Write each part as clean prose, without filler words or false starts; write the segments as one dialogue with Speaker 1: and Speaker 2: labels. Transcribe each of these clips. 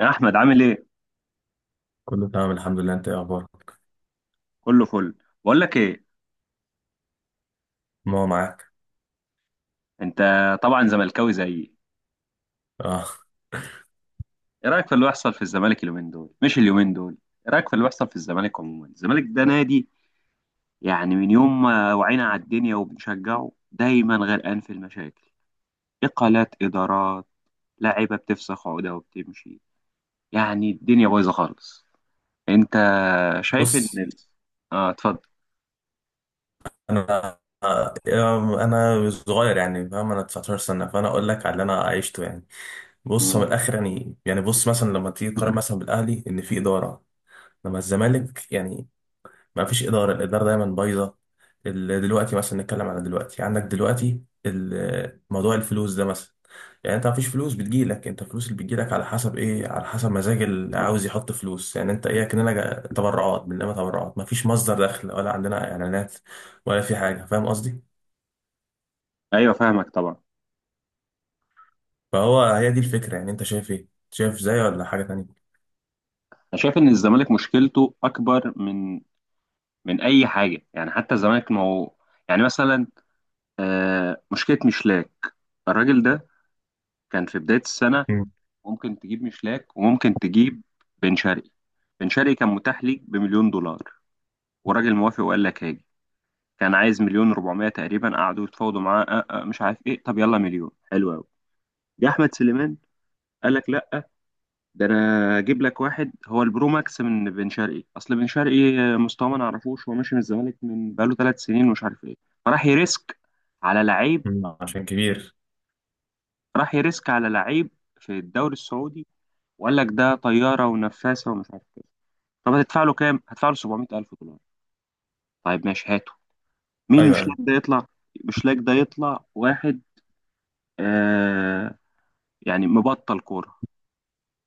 Speaker 1: يا احمد، عامل ايه؟
Speaker 2: كله تمام الحمد لله. انت ايه اخبارك؟
Speaker 1: كله فل. بقول لك ايه؟
Speaker 2: ما هو معاك.
Speaker 1: انت طبعا زملكاوي زيي.
Speaker 2: اه،
Speaker 1: ايه رايك في اللي بيحصل في الزمالك اليومين دول؟ مش اليومين دول، ايه رايك في اللي بيحصل في الزمالك عموما؟ الزمالك ده نادي، يعني من يوم ما وعينا على الدنيا وبنشجعه، دايما غرقان في المشاكل. اقالات ادارات، لعيبه بتفسخ عقده وبتمشي، يعني الدنيا بايظه خالص. انت شايف ان
Speaker 2: بص،
Speaker 1: ال-. اه، اتفضل.
Speaker 2: انا آه، انا صغير يعني، فاهم انا 19 سنه، فانا اقول لك على اللي انا عشته يعني. بص، هو
Speaker 1: مم.
Speaker 2: من الاخر، يعني بص، مثلا لما تيجي تقارن مثلا بالاهلي، ان في اداره. لما الزمالك يعني ما فيش اداره، الاداره دايما بايظه. دلوقتي مثلا نتكلم على دلوقتي، عندك دلوقتي موضوع الفلوس ده مثلا. يعني انت مفيش فلوس بتجيلك، انت الفلوس اللي بتجيلك على حسب ايه؟ على حسب مزاج اللي عاوز يحط فلوس. يعني انت ايه؟ كأننا تبرعات، بنلم تبرعات، مفيش مصدر دخل، ولا عندنا اعلانات، ولا في حاجة. فاهم قصدي؟
Speaker 1: ايوه، فاهمك طبعا.
Speaker 2: فهو هي دي الفكرة. يعني انت شايف ايه؟ شايف زي ولا حاجة تانية؟
Speaker 1: انا شايف ان الزمالك مشكلته اكبر من اي حاجه، يعني حتى الزمالك ما هو. يعني مثلا مشكله مشلاك. الراجل ده كان في بدايه السنه،
Speaker 2: مم.
Speaker 1: ممكن تجيب مشلاك وممكن تجيب بن شرقي. بن شرقي كان متاح ليك بمليون دولار، وراجل موافق وقال لك هاجي. كان عايز مليون و400 تقريبا، قعدوا يتفاوضوا معاه أه أه مش عارف ايه. طب يلا، مليون حلو قوي. جه احمد سليمان قال لك لا، ده انا اجيب لك واحد هو البرو ماكس من بن شرقي. اصل بن شرقي مستواه ما نعرفوش، هو ماشي من الزمالك من بقاله 3 سنين ومش عارف ايه. فراح يريسك على لعيب،
Speaker 2: مم. عشان كبير.
Speaker 1: راح يريسك على لعيب في الدوري السعودي وقال لك ده طياره ونفاسه ومش عارف ايه. طب هتدفع له كام؟ هتدفع له 700,000 دولار. طيب ماشي، هاته. مين
Speaker 2: ايوه،
Speaker 1: مش لاك
Speaker 2: ايوه.
Speaker 1: ده يطلع؟ مش لاك ده يطلع واحد، آه يعني مبطل كوره،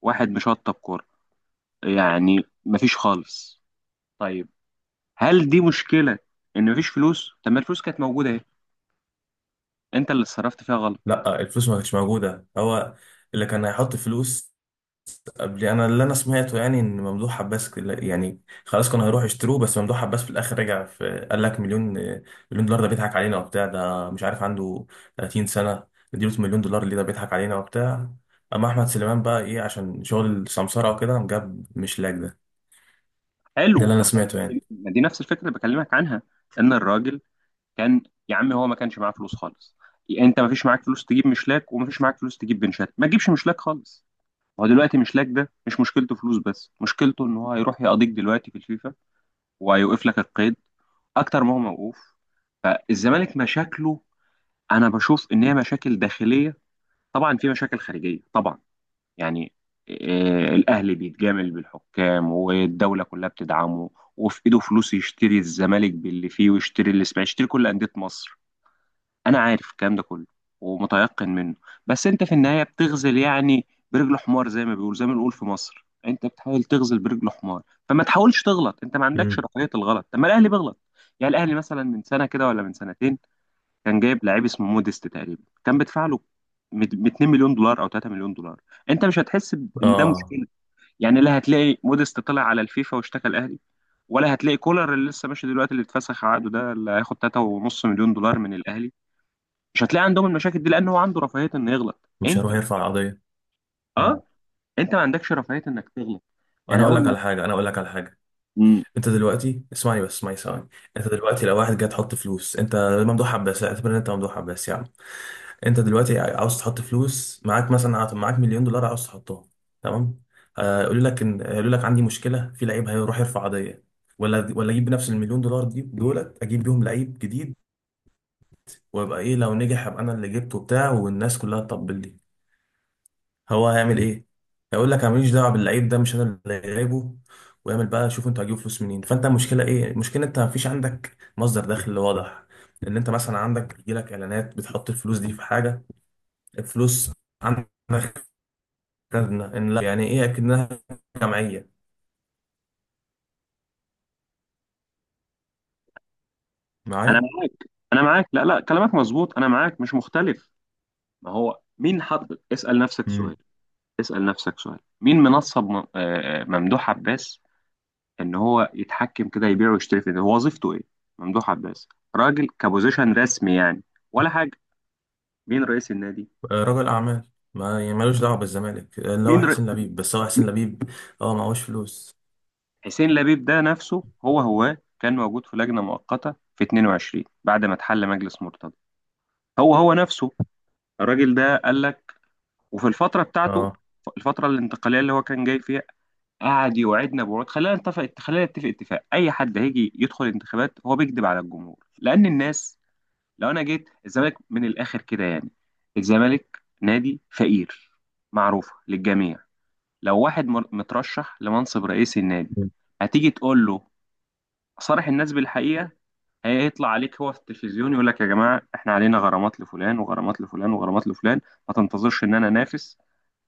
Speaker 1: واحد مشطب كوره، يعني مفيش خالص. طيب، هل دي مشكله ان مفيش فلوس؟ طب ما الفلوس كانت موجوده اهي، انت اللي اتصرفت فيها غلط.
Speaker 2: لا، الفلوس ما كانتش موجودة، هو اللي كان هيحط فلوس قبل. انا اللي انا سمعته يعني، ان ممدوح عباس يعني خلاص كانوا هيروحوا يشتروه، بس ممدوح عباس في الاخر رجع في، قال لك مليون. مليون دولار ده بيضحك علينا وبتاع، ده مش عارف، عنده 30 سنه نديله مليون دولار؟ اللي ده بيضحك علينا وبتاع. اما احمد سليمان بقى، ايه؟ عشان شغل سمسره وكده، قام جاب مش لاج ده. ده اللي
Speaker 1: حلو،
Speaker 2: انا سمعته يعني.
Speaker 1: ما دي نفس الفكره اللي بكلمك عنها، ان الراجل كان. يا عم هو ما كانش معاه فلوس خالص. انت مفيش معاك فلوس تجيب مشلاك ومفيش معاك فلوس تجيب بنشات، ما تجيبش مشلاك خالص. هو دلوقتي مشلاك ده مش مشكلته فلوس بس، مشكلته ان هو هيروح يقضيك دلوقتي في الفيفا وهيوقف لك القيد اكتر ما هو موقوف. فالزمالك مشاكله، انا بشوف ان هي مشاكل داخليه. طبعا في مشاكل خارجيه طبعا، يعني الأهلي بيتجامل بالحكام والدولة كلها بتدعمه، وفي إيده فلوس يشتري الزمالك باللي فيه ويشتري الإسماعيلي، يشتري كل أندية مصر. أنا عارف الكلام ده كله ومتيقن منه، بس أنت في النهاية بتغزل يعني برجل حمار. زي ما بيقول، زي ما بنقول في مصر، أنت بتحاول تغزل برجل حمار. فما تحاولش تغلط، أنت ما عندكش
Speaker 2: امم.
Speaker 1: رقية الغلط. طب ما الأهلي بيغلط. يعني الأهلي مثلا من سنة كده ولا من سنتين، كان جايب لعيب اسمه موديست تقريبا، كان بدفع له ب 2 مليون دولار او 3 مليون دولار. انت مش هتحس ان ده
Speaker 2: اه،
Speaker 1: مشكله. يعني لا هتلاقي موديست طلع على الفيفا واشتكى الاهلي، ولا هتلاقي كولر اللي لسه ماشي دلوقتي، اللي اتفسخ عقده ده، اللي هياخد 3.5 مليون دولار من الاهلي. مش هتلاقي عندهم المشاكل دي لان هو عنده رفاهيه انه يغلط.
Speaker 2: مش
Speaker 1: انت،
Speaker 2: هيروح يرفع قضيه. امم.
Speaker 1: اه، انت ما عندكش رفاهيه انك تغلط. يعني اول ما.
Speaker 2: انا اقول لك على حاجه.
Speaker 1: مم.
Speaker 2: انت دلوقتي اسمعني بس، اسمعني ثواني. انت دلوقتي لو واحد جاي تحط فلوس، انت ممدوح عباس، اعتبر ان انت ممدوح عباس يعني. انت دلوقتي عاوز تحط فلوس معاك، مثلا معاك مليون دولار، عاوز تحطهم. تمام؟ يقولوا لك عندي مشكله في لعيب، هيروح يرفع قضيه. ولا اجيب بنفس المليون دولار دي، دولت اجيب بيهم لعيب جديد، وابقى ايه؟ لو نجح، ابقى انا اللي جبته بتاع، والناس كلها تطبل لي. هو هيعمل ايه؟ هيقول لك انا ماليش دعوه باللعيب ده، مش انا اللي جايبه، ويعمل بقى شوف انتوا هتجيبوا فلوس منين. فانت المشكله ايه؟ المشكله انت مفيش عندك مصدر دخل واضح، ان انت مثلا عندك يجيلك اعلانات، بتحط الفلوس دي في حاجه. الفلوس عندك. أكدنا إن لا، يعني إيه أكدناها؟ جمعية؟
Speaker 1: انا
Speaker 2: معايا.
Speaker 1: معاك انا معاك لا لا، كلامك مظبوط، انا معاك مش مختلف. ما هو مين حط؟ اسال نفسك
Speaker 2: امم.
Speaker 1: سؤال، مين منصب ممدوح عباس ان هو يتحكم كده يبيع ويشتري في ده؟ هو وظيفته ايه ممدوح عباس؟ راجل كبوزيشن رسمي يعني، ولا حاجة؟ مين رئيس النادي؟
Speaker 2: رجل أعمال، ما يعني ملوش دعوة بالزمالك، اللي هو
Speaker 1: مين ر...
Speaker 2: حسين لبيب، بس هو حسين لبيب أه معهوش فلوس.
Speaker 1: حسين لبيب ده نفسه، هو كان موجود في لجنة مؤقتة في 22 بعد ما اتحل مجلس مرتضى. هو نفسه الراجل ده قال لك، وفي الفترة بتاعته،
Speaker 2: أه.
Speaker 1: الفترة الانتقالية اللي هو كان جاي فيها، قعد يوعدنا بوعود. خلينا نتفق اتفاق، اي حد هيجي يدخل انتخابات هو بيكذب على الجمهور، لان الناس. لو انا جيت الزمالك من الاخر كده، يعني الزمالك نادي فقير، معروفه للجميع. لو واحد مترشح لمنصب رئيس النادي،
Speaker 2: مم.
Speaker 1: هتيجي تقول له صارح الناس بالحقيقه. هيطلع عليك هو في التلفزيون يقول لك يا جماعه، احنا علينا غرامات لفلان وغرامات لفلان وغرامات لفلان، ما تنتظرش ان انا انافس،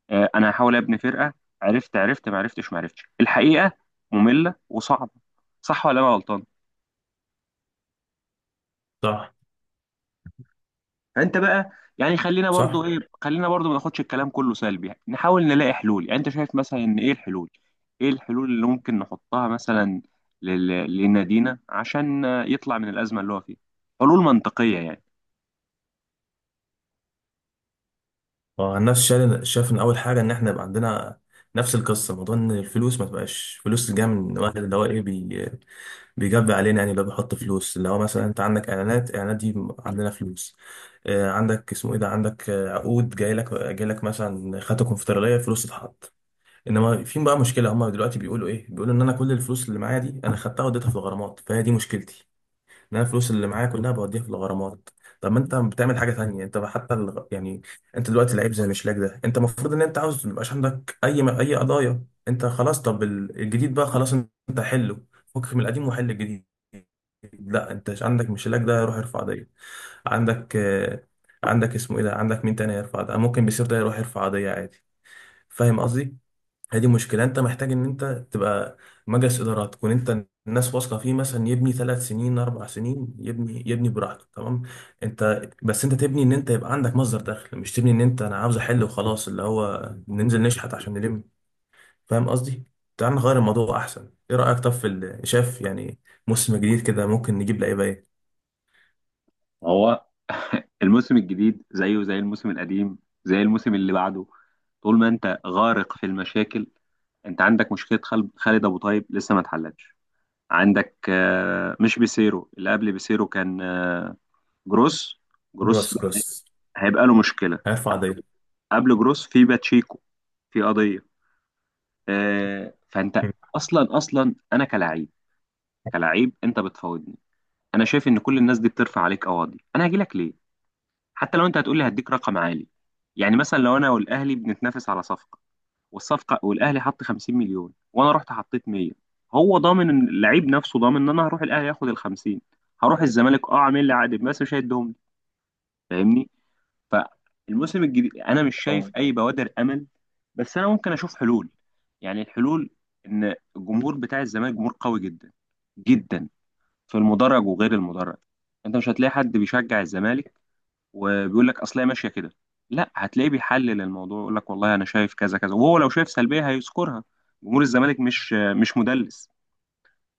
Speaker 1: انا هحاول ابني فرقه. عرفت؟ عرفت؟ ما عرفتش، ما عرفتش، الحقيقه ممله وصعبه، صح ولا انا غلطان؟
Speaker 2: صح.
Speaker 1: فانت بقى، يعني
Speaker 2: صح.
Speaker 1: خلينا برضو ما ناخدش الكلام كله سلبي، يعني نحاول نلاقي حلول. يعني انت شايف مثلا ان ايه الحلول اللي ممكن نحطها مثلا لنادينا عشان يطلع من الازمه اللي هو فيها، حلول منطقيه يعني.
Speaker 2: اه، الناس شاف ان اول حاجه ان احنا يبقى عندنا نفس القصه، موضوع ان الفلوس ما تبقاش فلوس جايه من واحد، اللي هو ايه، بي بيجب علينا، يعني اللي هو بيحط فلوس. اللي هو مثلا انت عندك اعلانات، اعلانات دي عندنا فلوس. عندك اسمه ايه ده، عندك عقود، جاي لك مثلا خدت كونفدراليه، فلوس تتحط. انما في بقى مشكله، هم دلوقتي بيقولوا ايه؟ بيقولوا ان انا كل الفلوس اللي معايا دي انا خدتها وديتها في الغرامات، فهي دي مشكلتي. ان انا الفلوس اللي معايا كلها بوديها في الغرامات. طب ما انت بتعمل حاجه تانية، انت بقى حتى يعني، انت دلوقتي لعيب زي مشلاك ده، انت المفروض ان انت عاوز ما يبقاش عندك اي اي قضايا، انت خلاص. طب الجديد بقى خلاص، انت حله، فك من القديم وحل الجديد. لا، انت عندك مشلاك ده يروح يرفع قضيه، عندك عندك اسمه ايه ده، عندك مين تاني يرفع، ده ممكن بيصير ده يروح يرفع قضيه عادي. فاهم قصدي؟ هي دي مشكلة. انت محتاج ان انت تبقى مجلس ادارات، تكون انت الناس واثقة فيه، مثلا يبني ثلاث سنين، اربع سنين، يبني براحته. تمام. انت بس انت تبني ان انت يبقى عندك مصدر دخل، مش تبني ان انت، انا عاوز احل وخلاص، اللي هو ننزل نشحت عشان نلم. فاهم قصدي؟ تعال نغير الموضوع احسن. ايه رأيك طب في شايف يعني موسم جديد كده ممكن نجيب لعيبة ايه؟
Speaker 1: هو الموسم الجديد زيه زي الموسم القديم، زي الموسم اللي بعده. طول ما انت غارق في المشاكل. انت عندك مشكله، خالد ابو طيب لسه ما اتحلتش. عندك مش بيسيرو، اللي قبل بيسيرو كان جروس.
Speaker 2: جروس،
Speaker 1: جروس
Speaker 2: جروس
Speaker 1: هيبقى له مشكله.
Speaker 2: هيرفع دايرة.
Speaker 1: قبل جروس في باتشيكو، في قضيه، فانت
Speaker 2: مم.
Speaker 1: اصلا اصلا انا كلاعب. كلاعب انت بتفاوضني، انا شايف ان كل الناس دي بترفع عليك قواضي، انا هاجي لك ليه؟ حتى لو انت هتقول لي هديك رقم عالي. يعني مثلا لو انا والاهلي بنتنافس على صفقه، والاهلي حط 50 مليون وانا رحت حطيت 100. هو ضامن إن اللعيب نفسه ضامن ان انا هروح الاهلي هاخد ال 50؟ هروح الزمالك، عامل لي عقد بس مش هيديهم لي. فاهمني. فالموسم الجديد انا مش شايف
Speaker 2: اه.
Speaker 1: اي بوادر امل. بس انا ممكن اشوف حلول. يعني الحلول، ان الجمهور بتاع الزمالك جمهور قوي جدا جدا، في المدرج وغير المدرج. انت مش هتلاقي حد بيشجع الزمالك وبيقول لك اصل هي ماشيه كده، لا، هتلاقيه بيحلل الموضوع، يقول لك والله انا شايف كذا كذا، وهو لو شايف سلبيه هيذكرها. جمهور الزمالك مش مدلس.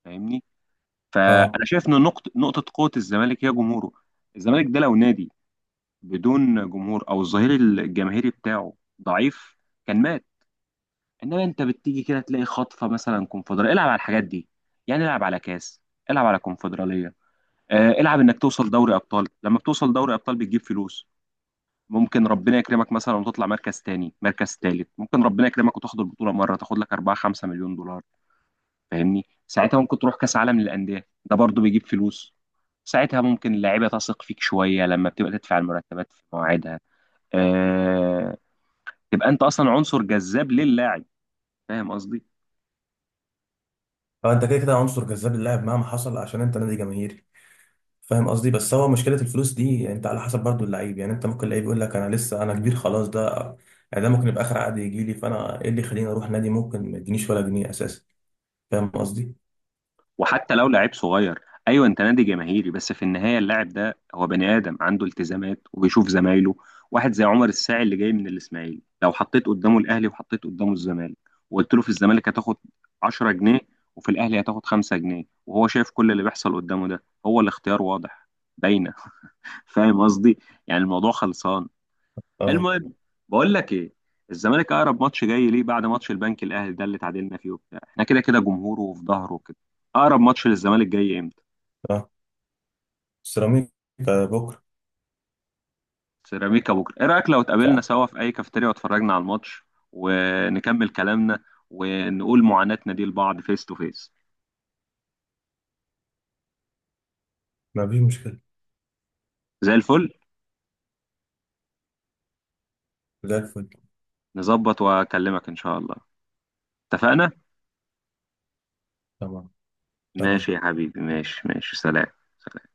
Speaker 1: فاهمني.
Speaker 2: اه.
Speaker 1: فانا شايف ان نقطه قوه الزمالك هي جمهوره. الزمالك ده لو نادي بدون جمهور او الظهير الجماهيري بتاعه، ضعيف، كان مات. انما انت بتيجي كده تلاقي خطفه مثلا كونفدراليه، العب على الحاجات دي. يعني العب على كاس، العب على كونفدراليه، العب انك توصل دوري ابطال. لما بتوصل دوري ابطال بتجيب فلوس. ممكن ربنا يكرمك مثلا وتطلع مركز تاني، مركز تالت، ممكن ربنا يكرمك وتاخد البطوله مره، تاخد لك 4 5 مليون دولار. فاهمني. ساعتها ممكن تروح كاس عالم للانديه، ده برضو بيجيب فلوس. ساعتها ممكن اللعيبه تثق فيك شويه لما بتبقى تدفع المرتبات في مواعيدها. أه... تبقى انت اصلا عنصر جذاب للاعب. فاهم قصدي.
Speaker 2: فانت كده كده عنصر جذاب اللاعب مهما حصل، عشان انت نادي جماهيري، فاهم قصدي؟ بس هو مشكله الفلوس دي، يعني انت على حسب برضو اللعيب. يعني انت ممكن لعيب يقول لك انا لسه انا كبير خلاص ده، يعني ده ممكن يبقى اخر عقد يجي لي، فانا ايه اللي يخليني اروح نادي ممكن ما يدينيش ولا جنيه اساسا؟ فاهم قصدي؟
Speaker 1: وحتى لو لعيب صغير، ايوه انت نادي جماهيري، بس في النهايه اللاعب ده هو بني ادم عنده التزامات وبيشوف زمايله. واحد زي عمر الساعي اللي جاي من الاسماعيلي، لو حطيت قدامه الاهلي وحطيت قدامه الزمالك وقلت له في الزمالك هتاخد 10 جنيه وفي الاهلي هتاخد 5 جنيه، وهو شايف كل اللي بيحصل قدامه ده، هو الاختيار واضح، باينه. فاهم قصدي. يعني الموضوع خلصان.
Speaker 2: اه.
Speaker 1: المهم، بقول لك ايه، الزمالك اقرب ماتش جاي ليه بعد ماتش البنك الاهلي ده اللي تعادلنا فيه وبتاع، احنا كده كده جمهوره وفي ظهره وكده، اقرب ماتش للزمالك جاي امتى؟
Speaker 2: اه. سيراميكا بكره.
Speaker 1: سيراميكا بكره. ايه رايك لو اتقابلنا
Speaker 2: صح.
Speaker 1: سوا في اي كافيتيريا واتفرجنا على الماتش ونكمل كلامنا ونقول معاناتنا دي لبعض فيس تو فيس؟
Speaker 2: ما فيش مشكله.
Speaker 1: زي الفل.
Speaker 2: زي الفل.
Speaker 1: نظبط واكلمك ان شاء الله. اتفقنا.
Speaker 2: تمام.
Speaker 1: ماشي
Speaker 2: تمام.
Speaker 1: يا حبيبي، ماشي ماشي، سلام. سلام.